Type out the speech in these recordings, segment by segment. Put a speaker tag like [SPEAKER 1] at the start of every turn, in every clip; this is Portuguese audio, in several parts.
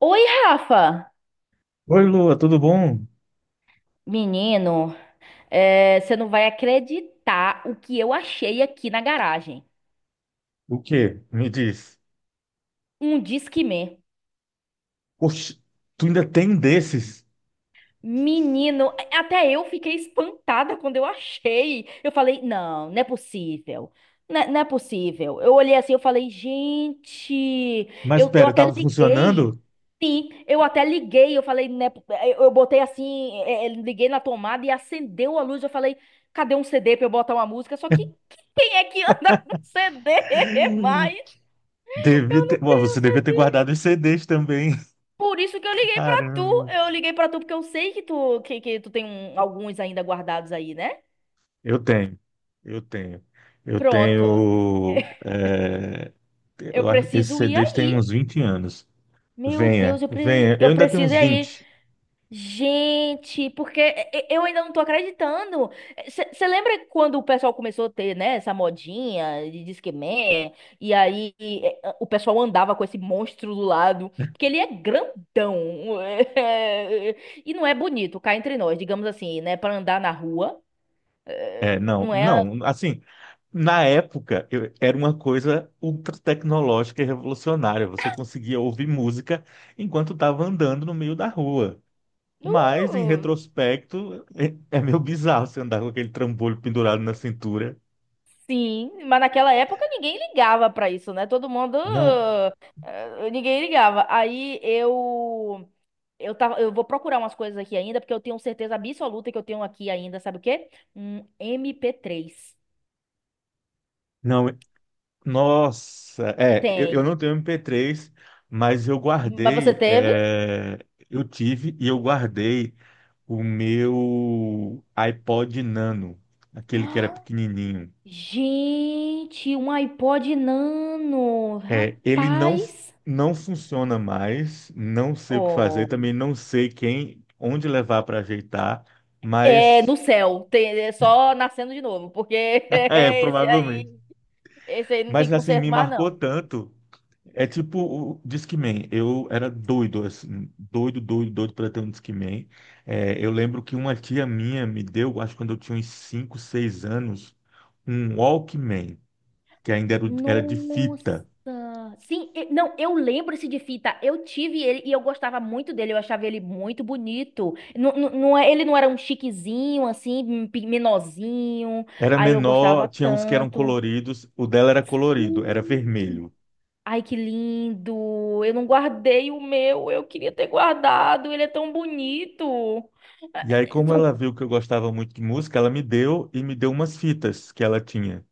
[SPEAKER 1] Oi, Rafa!
[SPEAKER 2] Oi, Lua, tudo bom?
[SPEAKER 1] Menino, você não vai acreditar o que eu achei aqui na garagem.
[SPEAKER 2] O quê? Me diz.
[SPEAKER 1] Um Discman.
[SPEAKER 2] Oxe, tu ainda tem um desses?
[SPEAKER 1] Menino, até eu fiquei espantada quando eu achei. Eu falei, não, não é possível. Não é possível. Eu olhei assim, eu falei, gente,
[SPEAKER 2] Mas
[SPEAKER 1] eu
[SPEAKER 2] pera,
[SPEAKER 1] até
[SPEAKER 2] tava
[SPEAKER 1] liguei.
[SPEAKER 2] funcionando?
[SPEAKER 1] Sim, eu até liguei, eu falei, né, eu botei assim, liguei na tomada e acendeu a luz. Eu falei, cadê um CD pra eu botar uma música? Só que quem é que anda com CD mais?
[SPEAKER 2] Devia
[SPEAKER 1] Eu não
[SPEAKER 2] ter ...Ué,
[SPEAKER 1] tenho,
[SPEAKER 2] você devia ter guardado os CDs também.
[SPEAKER 1] por isso que eu liguei pra tu.
[SPEAKER 2] Caramba.
[SPEAKER 1] Eu liguei pra tu porque eu sei que que tu tem alguns ainda guardados aí, né?
[SPEAKER 2] Eu tenho, eu tenho. Eu
[SPEAKER 1] Pronto.
[SPEAKER 2] tenho.
[SPEAKER 1] Eu
[SPEAKER 2] Eu acho que esses
[SPEAKER 1] preciso ir
[SPEAKER 2] CDs têm uns
[SPEAKER 1] aí.
[SPEAKER 2] 20 anos.
[SPEAKER 1] Meu
[SPEAKER 2] Venha,
[SPEAKER 1] Deus,
[SPEAKER 2] venha. Eu
[SPEAKER 1] eu
[SPEAKER 2] ainda tenho
[SPEAKER 1] preciso ir
[SPEAKER 2] uns
[SPEAKER 1] aí.
[SPEAKER 2] 20.
[SPEAKER 1] Gente, porque eu ainda não tô acreditando. Você lembra quando o pessoal começou a ter, né, essa modinha de Disque Man? E aí o pessoal andava com esse monstro do lado, porque ele é grandão. E não é bonito, cá entre nós, digamos assim, né, pra andar na rua. Eh,
[SPEAKER 2] É, não,
[SPEAKER 1] Não é?
[SPEAKER 2] não, assim, Na época, era uma coisa ultra tecnológica e revolucionária. Você conseguia ouvir música enquanto estava andando no meio da rua. Mas, em
[SPEAKER 1] Não,
[SPEAKER 2] retrospecto, é meio bizarro você andar com aquele trambolho pendurado na cintura.
[SPEAKER 1] sim, mas naquela época ninguém ligava pra isso, né? Todo mundo,
[SPEAKER 2] Não,
[SPEAKER 1] ninguém ligava. Aí eu tava, eu vou procurar umas coisas aqui ainda, porque eu tenho certeza absoluta que eu tenho aqui ainda, sabe o quê? Um MP3.
[SPEAKER 2] não, nossa, eu não
[SPEAKER 1] Tenho.
[SPEAKER 2] tenho MP3, mas
[SPEAKER 1] Mas você teve?
[SPEAKER 2] eu tive e eu guardei o meu iPod Nano, aquele que era pequenininho.
[SPEAKER 1] Gente, um iPod Nano,
[SPEAKER 2] É, ele não,
[SPEAKER 1] rapaz.
[SPEAKER 2] não funciona mais, não sei o que fazer,
[SPEAKER 1] Oh.
[SPEAKER 2] também não sei onde levar para ajeitar,
[SPEAKER 1] É,
[SPEAKER 2] mas
[SPEAKER 1] no céu, tem, é só nascendo de novo, porque esse
[SPEAKER 2] provavelmente.
[SPEAKER 1] aí. Esse aí não tem
[SPEAKER 2] Mas assim,
[SPEAKER 1] conserto
[SPEAKER 2] me
[SPEAKER 1] mais,
[SPEAKER 2] marcou
[SPEAKER 1] não.
[SPEAKER 2] tanto. É tipo o Disque Man. Eu era doido, assim, doido para ter um Disque Man. É, eu lembro que uma tia minha me deu, acho que quando eu tinha uns 5, 6 anos, um Walkman, que ainda era, era de
[SPEAKER 1] Nossa!
[SPEAKER 2] fita.
[SPEAKER 1] Sim, não, eu lembro esse de fita. Eu tive ele e eu gostava muito dele. Eu achava ele muito bonito. Ele não era um chiquezinho, assim, menorzinho.
[SPEAKER 2] Era
[SPEAKER 1] Aí eu gostava
[SPEAKER 2] menor, tinha uns que eram
[SPEAKER 1] tanto.
[SPEAKER 2] coloridos, o dela era colorido, era
[SPEAKER 1] Sim.
[SPEAKER 2] vermelho.
[SPEAKER 1] Ai, que lindo! Eu não guardei o meu. Eu queria ter guardado. Ele é tão bonito. Ah,
[SPEAKER 2] E aí, como ela
[SPEAKER 1] o-
[SPEAKER 2] viu que eu gostava muito de música, ela me deu e me deu umas fitas que ela tinha.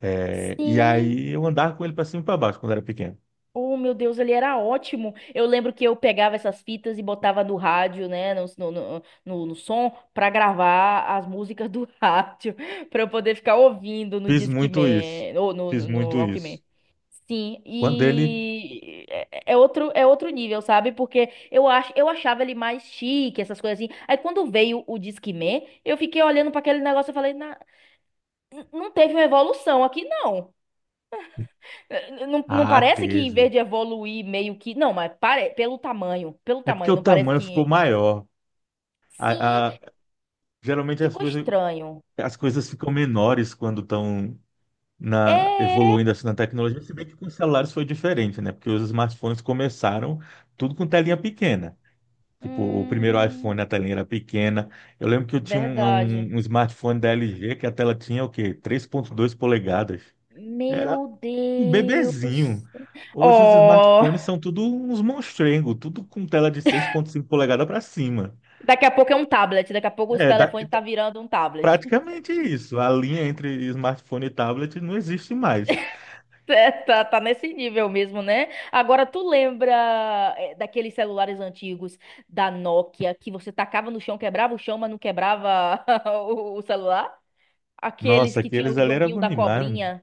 [SPEAKER 2] É, e
[SPEAKER 1] sim.
[SPEAKER 2] aí eu andava com ele para cima e para baixo quando era pequeno.
[SPEAKER 1] Oh, meu Deus, ele era ótimo. Eu lembro que eu pegava essas fitas e botava no rádio, né, no som, pra gravar as músicas do rádio, pra eu poder ficar ouvindo no
[SPEAKER 2] Fiz muito isso.
[SPEAKER 1] Discman, ou
[SPEAKER 2] Fiz
[SPEAKER 1] no
[SPEAKER 2] muito isso.
[SPEAKER 1] Walkman. Sim,
[SPEAKER 2] Quando ele.
[SPEAKER 1] e é outro nível, sabe? Porque eu acho, eu achava ele mais chique, essas coisas assim. Aí quando veio o Discman, eu fiquei olhando pra aquele negócio e falei, não teve uma evolução aqui, não." Não, não
[SPEAKER 2] Ah,
[SPEAKER 1] parece que em
[SPEAKER 2] teve.
[SPEAKER 1] vez de evoluir meio que. Não, mas pare... pelo tamanho. Pelo
[SPEAKER 2] É porque
[SPEAKER 1] tamanho,
[SPEAKER 2] o
[SPEAKER 1] não parece
[SPEAKER 2] tamanho ficou
[SPEAKER 1] que.
[SPEAKER 2] maior.
[SPEAKER 1] Sim,
[SPEAKER 2] A- a- Geralmente as
[SPEAKER 1] ficou
[SPEAKER 2] coisas,
[SPEAKER 1] estranho.
[SPEAKER 2] as coisas ficam menores quando estão
[SPEAKER 1] É.
[SPEAKER 2] evoluindo assim na tecnologia. Se bem que com os celulares foi diferente, né? Porque os smartphones começaram tudo com telinha pequena. Tipo, o primeiro
[SPEAKER 1] Hum,
[SPEAKER 2] iPhone, a telinha era pequena. Eu lembro que eu tinha um,
[SPEAKER 1] verdade.
[SPEAKER 2] um- um smartphone da LG que a tela tinha o quê? 3.2 polegadas. Era
[SPEAKER 1] Meu
[SPEAKER 2] um
[SPEAKER 1] Deus.
[SPEAKER 2] bebezinho. Hoje os
[SPEAKER 1] Oh,
[SPEAKER 2] smartphones são tudo uns monstrengos, tudo com tela de 6.5 polegadas para cima.
[SPEAKER 1] daqui a pouco é um tablet. Daqui a pouco os
[SPEAKER 2] É da-
[SPEAKER 1] telefones tá virando um tablet.
[SPEAKER 2] Praticamente isso. A linha entre smartphone e tablet não existe mais.
[SPEAKER 1] É, tá, tá nesse nível mesmo, né? Agora tu lembra daqueles celulares antigos da Nokia que você tacava no chão, quebrava o chão, mas não quebrava o celular? Aqueles
[SPEAKER 2] Nossa,
[SPEAKER 1] que tinham
[SPEAKER 2] aqueles
[SPEAKER 1] o
[SPEAKER 2] ali era
[SPEAKER 1] joguinho
[SPEAKER 2] bom
[SPEAKER 1] da
[SPEAKER 2] demais.
[SPEAKER 1] cobrinha.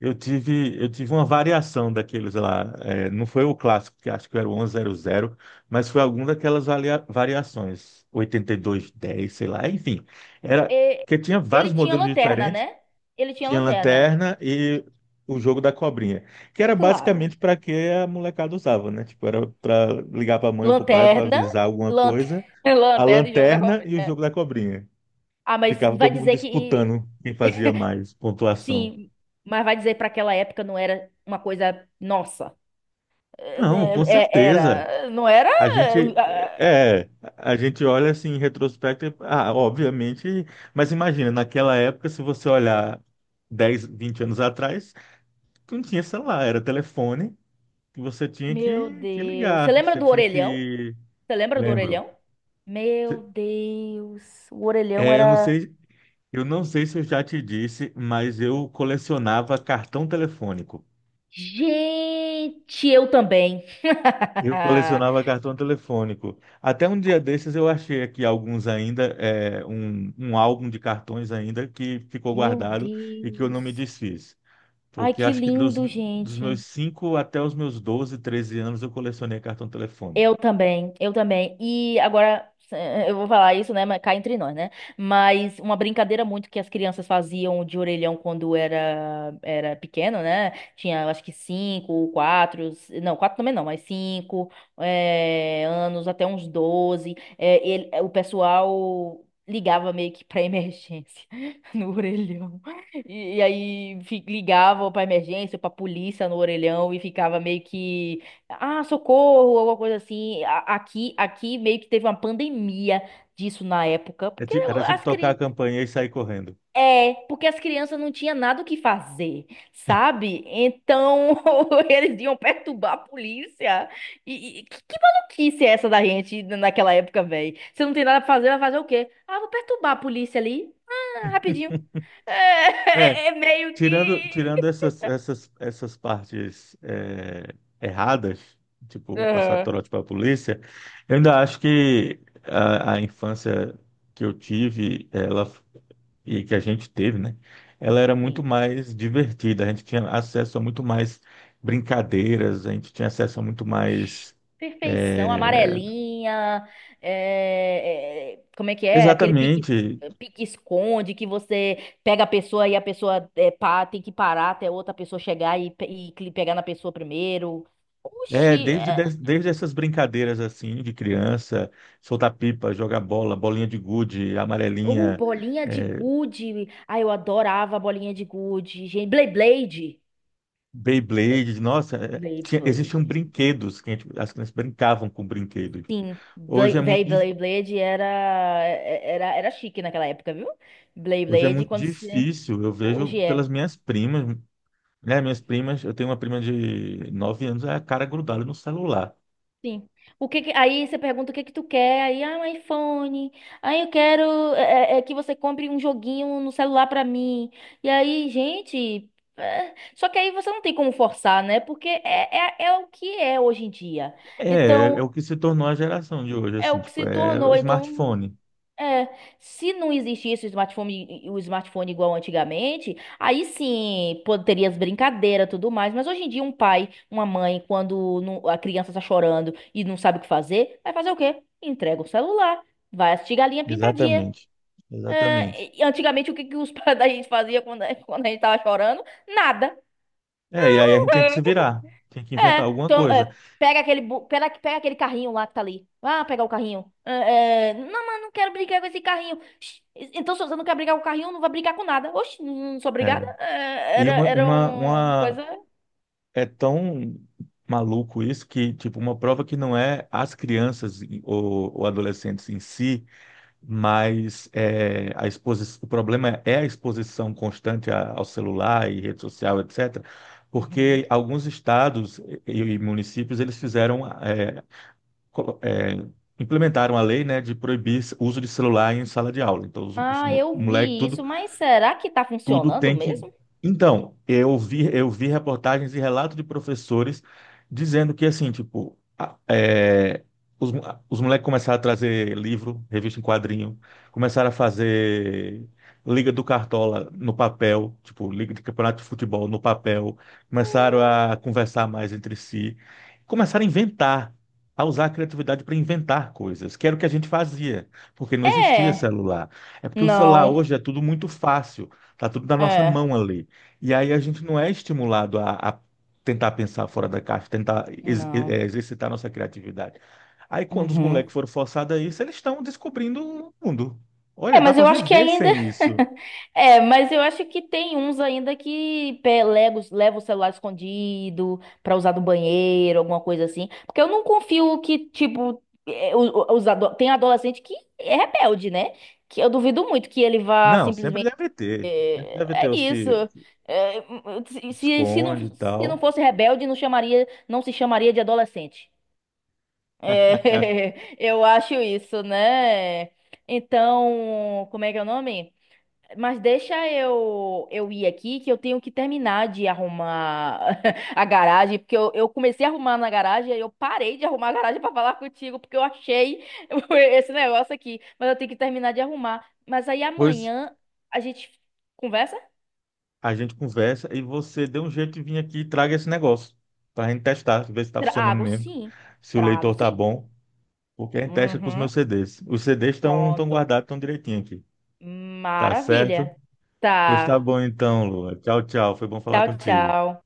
[SPEAKER 2] Eu tive uma variação daqueles lá. É, não foi o clássico, que acho que era o 1100, mas foi alguma daquelas variações. 8210, sei lá. Enfim, era
[SPEAKER 1] E-
[SPEAKER 2] porque tinha vários
[SPEAKER 1] Ele tinha
[SPEAKER 2] modelos
[SPEAKER 1] lanterna,
[SPEAKER 2] diferentes.
[SPEAKER 1] né? Ele tinha
[SPEAKER 2] Tinha
[SPEAKER 1] lanterna.
[SPEAKER 2] lanterna e o jogo da cobrinha, que era
[SPEAKER 1] Claro.
[SPEAKER 2] basicamente para que a molecada usava, né? Tipo, era para ligar para a mãe ou para o pai para
[SPEAKER 1] Lanterna,
[SPEAKER 2] avisar alguma coisa.
[SPEAKER 1] lanterna,
[SPEAKER 2] A
[SPEAKER 1] lanterna e jogo da
[SPEAKER 2] lanterna e o
[SPEAKER 1] cobrinha.
[SPEAKER 2] jogo da cobrinha.
[SPEAKER 1] Ah, mas
[SPEAKER 2] Ficava
[SPEAKER 1] vai
[SPEAKER 2] todo mundo
[SPEAKER 1] dizer que
[SPEAKER 2] disputando quem fazia mais pontuação.
[SPEAKER 1] sim, mas vai dizer para aquela época não era uma coisa nossa. É, né,
[SPEAKER 2] Não, com
[SPEAKER 1] é,
[SPEAKER 2] certeza.
[SPEAKER 1] era, não era?
[SPEAKER 2] A gente
[SPEAKER 1] É, ah,
[SPEAKER 2] é, a gente olha assim em retrospecto, e, ah, obviamente, mas imagina, naquela época, se você olhar dez, 20 anos atrás, não tinha celular, era telefone que você tinha
[SPEAKER 1] meu
[SPEAKER 2] que
[SPEAKER 1] Deus. Você
[SPEAKER 2] ligar,
[SPEAKER 1] lembra
[SPEAKER 2] você
[SPEAKER 1] do
[SPEAKER 2] tinha
[SPEAKER 1] orelhão?
[SPEAKER 2] que,
[SPEAKER 1] Você lembra do
[SPEAKER 2] lembro.
[SPEAKER 1] orelhão? Meu Deus, o orelhão
[SPEAKER 2] Eu não
[SPEAKER 1] era...
[SPEAKER 2] sei, se eu já te disse, mas eu colecionava cartão telefônico.
[SPEAKER 1] Gente, eu também.
[SPEAKER 2] Eu colecionava cartão telefônico. Até um dia desses eu achei aqui alguns ainda, um, um álbum de cartões ainda que ficou
[SPEAKER 1] Meu
[SPEAKER 2] guardado e que eu não me
[SPEAKER 1] Deus.
[SPEAKER 2] desfiz.
[SPEAKER 1] Ai,
[SPEAKER 2] Porque
[SPEAKER 1] que
[SPEAKER 2] acho que dos,
[SPEAKER 1] lindo,
[SPEAKER 2] dos meus
[SPEAKER 1] gente.
[SPEAKER 2] 5 até os meus 12, 13 anos eu colecionei cartão telefônico.
[SPEAKER 1] Eu também, eu também. E agora eu vou falar isso, né? Mas cá entre nós, né? Mas uma brincadeira muito que as crianças faziam de orelhão quando era pequeno, né? Tinha, eu acho que 5, quatro, s- não, quatro também não, mas 5 anos até uns 12. O pessoal ligava meio que para emergência no orelhão. Ligava para emergência, para polícia no orelhão e ficava meio que ah, socorro, alguma coisa assim. Aqui, aqui meio que teve uma pandemia disso na época, porque
[SPEAKER 2] Era tipo
[SPEAKER 1] as
[SPEAKER 2] tocar a
[SPEAKER 1] cri...
[SPEAKER 2] campainha e sair correndo.
[SPEAKER 1] porque as crianças não tinham nada o que fazer, sabe? Então eles iam perturbar a polícia. Que maluquice é essa da gente naquela época, velho? Você não tem nada pra fazer, vai fazer o quê? Ah, vou perturbar a polícia ali. Ah, rapidinho.
[SPEAKER 2] É.
[SPEAKER 1] É, é meio
[SPEAKER 2] Tirando,
[SPEAKER 1] que.
[SPEAKER 2] tirando essas partes erradas, tipo passar
[SPEAKER 1] Aham.
[SPEAKER 2] trote para a polícia, eu ainda acho que a infância que eu tive, ela e que a gente teve, né? Ela era muito
[SPEAKER 1] Sim.
[SPEAKER 2] mais divertida. A gente tinha acesso a muito mais brincadeiras, a gente tinha acesso a muito
[SPEAKER 1] Oxi,
[SPEAKER 2] mais
[SPEAKER 1] perfeição,
[SPEAKER 2] é,
[SPEAKER 1] amarelinha, é, é, como é que é? Aquele pique,
[SPEAKER 2] exatamente,
[SPEAKER 1] pique-esconde que você pega a pessoa e a pessoa é, pá, tem que parar até outra pessoa chegar pegar na pessoa primeiro.
[SPEAKER 2] É,
[SPEAKER 1] Oxi,
[SPEAKER 2] desde,
[SPEAKER 1] é,
[SPEAKER 2] des- desde essas brincadeiras assim de criança, soltar pipa, jogar bola, bolinha de gude,
[SPEAKER 1] ou
[SPEAKER 2] amarelinha,
[SPEAKER 1] bolinha de
[SPEAKER 2] é,
[SPEAKER 1] gude. Ai, eu adorava a bolinha de gude. Gente, Beyblade.
[SPEAKER 2] Beyblade, nossa, existiam
[SPEAKER 1] Beyblade.
[SPEAKER 2] brinquedos que as crianças brincavam com brinquedos.
[SPEAKER 1] Sim,
[SPEAKER 2] Hoje é muito,
[SPEAKER 1] Véi,
[SPEAKER 2] dif-
[SPEAKER 1] Beyblade era, era, era chique naquela época, viu?
[SPEAKER 2] Hoje é
[SPEAKER 1] Beyblade,
[SPEAKER 2] muito
[SPEAKER 1] quando se...
[SPEAKER 2] difícil, eu vejo
[SPEAKER 1] Hoje
[SPEAKER 2] pelas
[SPEAKER 1] é.
[SPEAKER 2] minhas primas, né? Minhas primas, eu tenho uma prima de 9 anos, é a cara grudada no celular.
[SPEAKER 1] Sim. Aí você pergunta o que que tu quer, aí, ah, um iPhone, aí eu quero é que você compre um joguinho no celular pra mim. E aí, gente, é, só que aí você não tem como forçar, né? Porque é o que é hoje em dia.
[SPEAKER 2] É, é
[SPEAKER 1] Então,
[SPEAKER 2] o que se tornou a geração de hoje,
[SPEAKER 1] é
[SPEAKER 2] assim,
[SPEAKER 1] o que
[SPEAKER 2] tipo,
[SPEAKER 1] se
[SPEAKER 2] é o
[SPEAKER 1] tornou, então
[SPEAKER 2] smartphone.
[SPEAKER 1] é, se não existisse o smartphone igual antigamente, aí sim pô, teria as brincadeiras, e tudo mais. Mas hoje em dia, um pai, uma mãe, quando não- a criança está chorando e não sabe o que fazer, vai fazer o quê? Entrega o celular, vai assistir Galinha Pintadinha.
[SPEAKER 2] Exatamente, exatamente.
[SPEAKER 1] É, e antigamente, o que, que os pais da gente fazia quando, quando a gente tava chorando? Nada.
[SPEAKER 2] É, e aí a gente tem que se virar, tem que
[SPEAKER 1] É,
[SPEAKER 2] inventar alguma
[SPEAKER 1] então,
[SPEAKER 2] coisa.
[SPEAKER 1] é, pega aquele carrinho lá que tá ali. Ah, pegar o carrinho. Não, mas não quero brigar com esse carrinho. Shh, então, se você não quer brigar com o carrinho, não vai brigar com nada. Oxe, não sou obrigada.
[SPEAKER 2] É.
[SPEAKER 1] É,
[SPEAKER 2] E
[SPEAKER 1] era, era uma coisa.
[SPEAKER 2] é tão maluco isso que, tipo, uma prova que não é as crianças ou adolescentes em si, mas é, a exposição, o problema é a exposição constante ao celular e rede social, etc.
[SPEAKER 1] Uhum.
[SPEAKER 2] Porque alguns estados e municípios, eles fizeram, colo- é, implementaram a lei, né, de proibir o uso de celular em sala de aula. Então, os
[SPEAKER 1] Ah, eu
[SPEAKER 2] moleques
[SPEAKER 1] vi isso, mas será que tá
[SPEAKER 2] tudo
[SPEAKER 1] funcionando
[SPEAKER 2] tem que.
[SPEAKER 1] mesmo?
[SPEAKER 2] Então, eu vi reportagens e relatos de professores dizendo que, assim, tipo, os, mo- os moleques começaram a trazer livro, revista em quadrinho, começaram a fazer Liga do Cartola no papel, tipo, Liga de Campeonato de Futebol no papel, começaram a conversar mais entre si, começaram a inventar. A usar a criatividade para inventar coisas, que era o que a gente fazia, porque não existia
[SPEAKER 1] É.
[SPEAKER 2] celular. É porque o celular hoje
[SPEAKER 1] Não.
[SPEAKER 2] é tudo muito fácil. Tá tudo na nossa
[SPEAKER 1] É.
[SPEAKER 2] mão ali. E aí a gente não é estimulado a tentar pensar fora da caixa, tentar
[SPEAKER 1] Não.
[SPEAKER 2] exercitar nossa criatividade. Aí quando os moleques
[SPEAKER 1] Uhum.
[SPEAKER 2] foram forçados a isso, eles estão descobrindo o mundo.
[SPEAKER 1] É,
[SPEAKER 2] Olha, dá
[SPEAKER 1] mas
[SPEAKER 2] para
[SPEAKER 1] eu acho que
[SPEAKER 2] viver
[SPEAKER 1] ainda.
[SPEAKER 2] sem isso.
[SPEAKER 1] É, mas eu acho que tem uns ainda que leva o celular escondido pra usar no banheiro, alguma coisa assim. Porque eu não confio que, tipo, tem adolescente que é rebelde, né? Que eu duvido muito que ele vá
[SPEAKER 2] Não, sempre
[SPEAKER 1] simplesmente.
[SPEAKER 2] deve ter. Sempre deve
[SPEAKER 1] É,
[SPEAKER 2] ter
[SPEAKER 1] é
[SPEAKER 2] os
[SPEAKER 1] isso.
[SPEAKER 2] que
[SPEAKER 1] É, se não,
[SPEAKER 2] esconde e
[SPEAKER 1] se não
[SPEAKER 2] tal.
[SPEAKER 1] fosse rebelde, não chamaria, não se chamaria de adolescente. É,
[SPEAKER 2] É,
[SPEAKER 1] eu acho isso, né? Então, como é que é o nome? Mas deixa eu ir aqui que eu tenho que terminar de arrumar a garagem, porque eu comecei a arrumar na garagem e eu parei de arrumar a garagem para falar contigo, porque eu achei esse negócio aqui, mas eu tenho que terminar de arrumar. Mas aí
[SPEAKER 2] pois
[SPEAKER 1] amanhã a gente conversa?
[SPEAKER 2] a gente conversa e você dê um jeito de vir aqui e traga esse negócio para a gente testar, ver se está funcionando
[SPEAKER 1] Trago,
[SPEAKER 2] mesmo,
[SPEAKER 1] sim.
[SPEAKER 2] se o
[SPEAKER 1] Trago,
[SPEAKER 2] leitor tá
[SPEAKER 1] sim.
[SPEAKER 2] bom. Porque a gente testa com os
[SPEAKER 1] Uhum.
[SPEAKER 2] meus CDs. Os CDs estão
[SPEAKER 1] Pronto.
[SPEAKER 2] guardados, estão direitinho aqui. Tá certo?
[SPEAKER 1] Maravilha.
[SPEAKER 2] Pois tá
[SPEAKER 1] Tá.
[SPEAKER 2] bom então, Lua. Tchau, tchau. Foi bom falar
[SPEAKER 1] Tchau,
[SPEAKER 2] contigo.
[SPEAKER 1] tchau.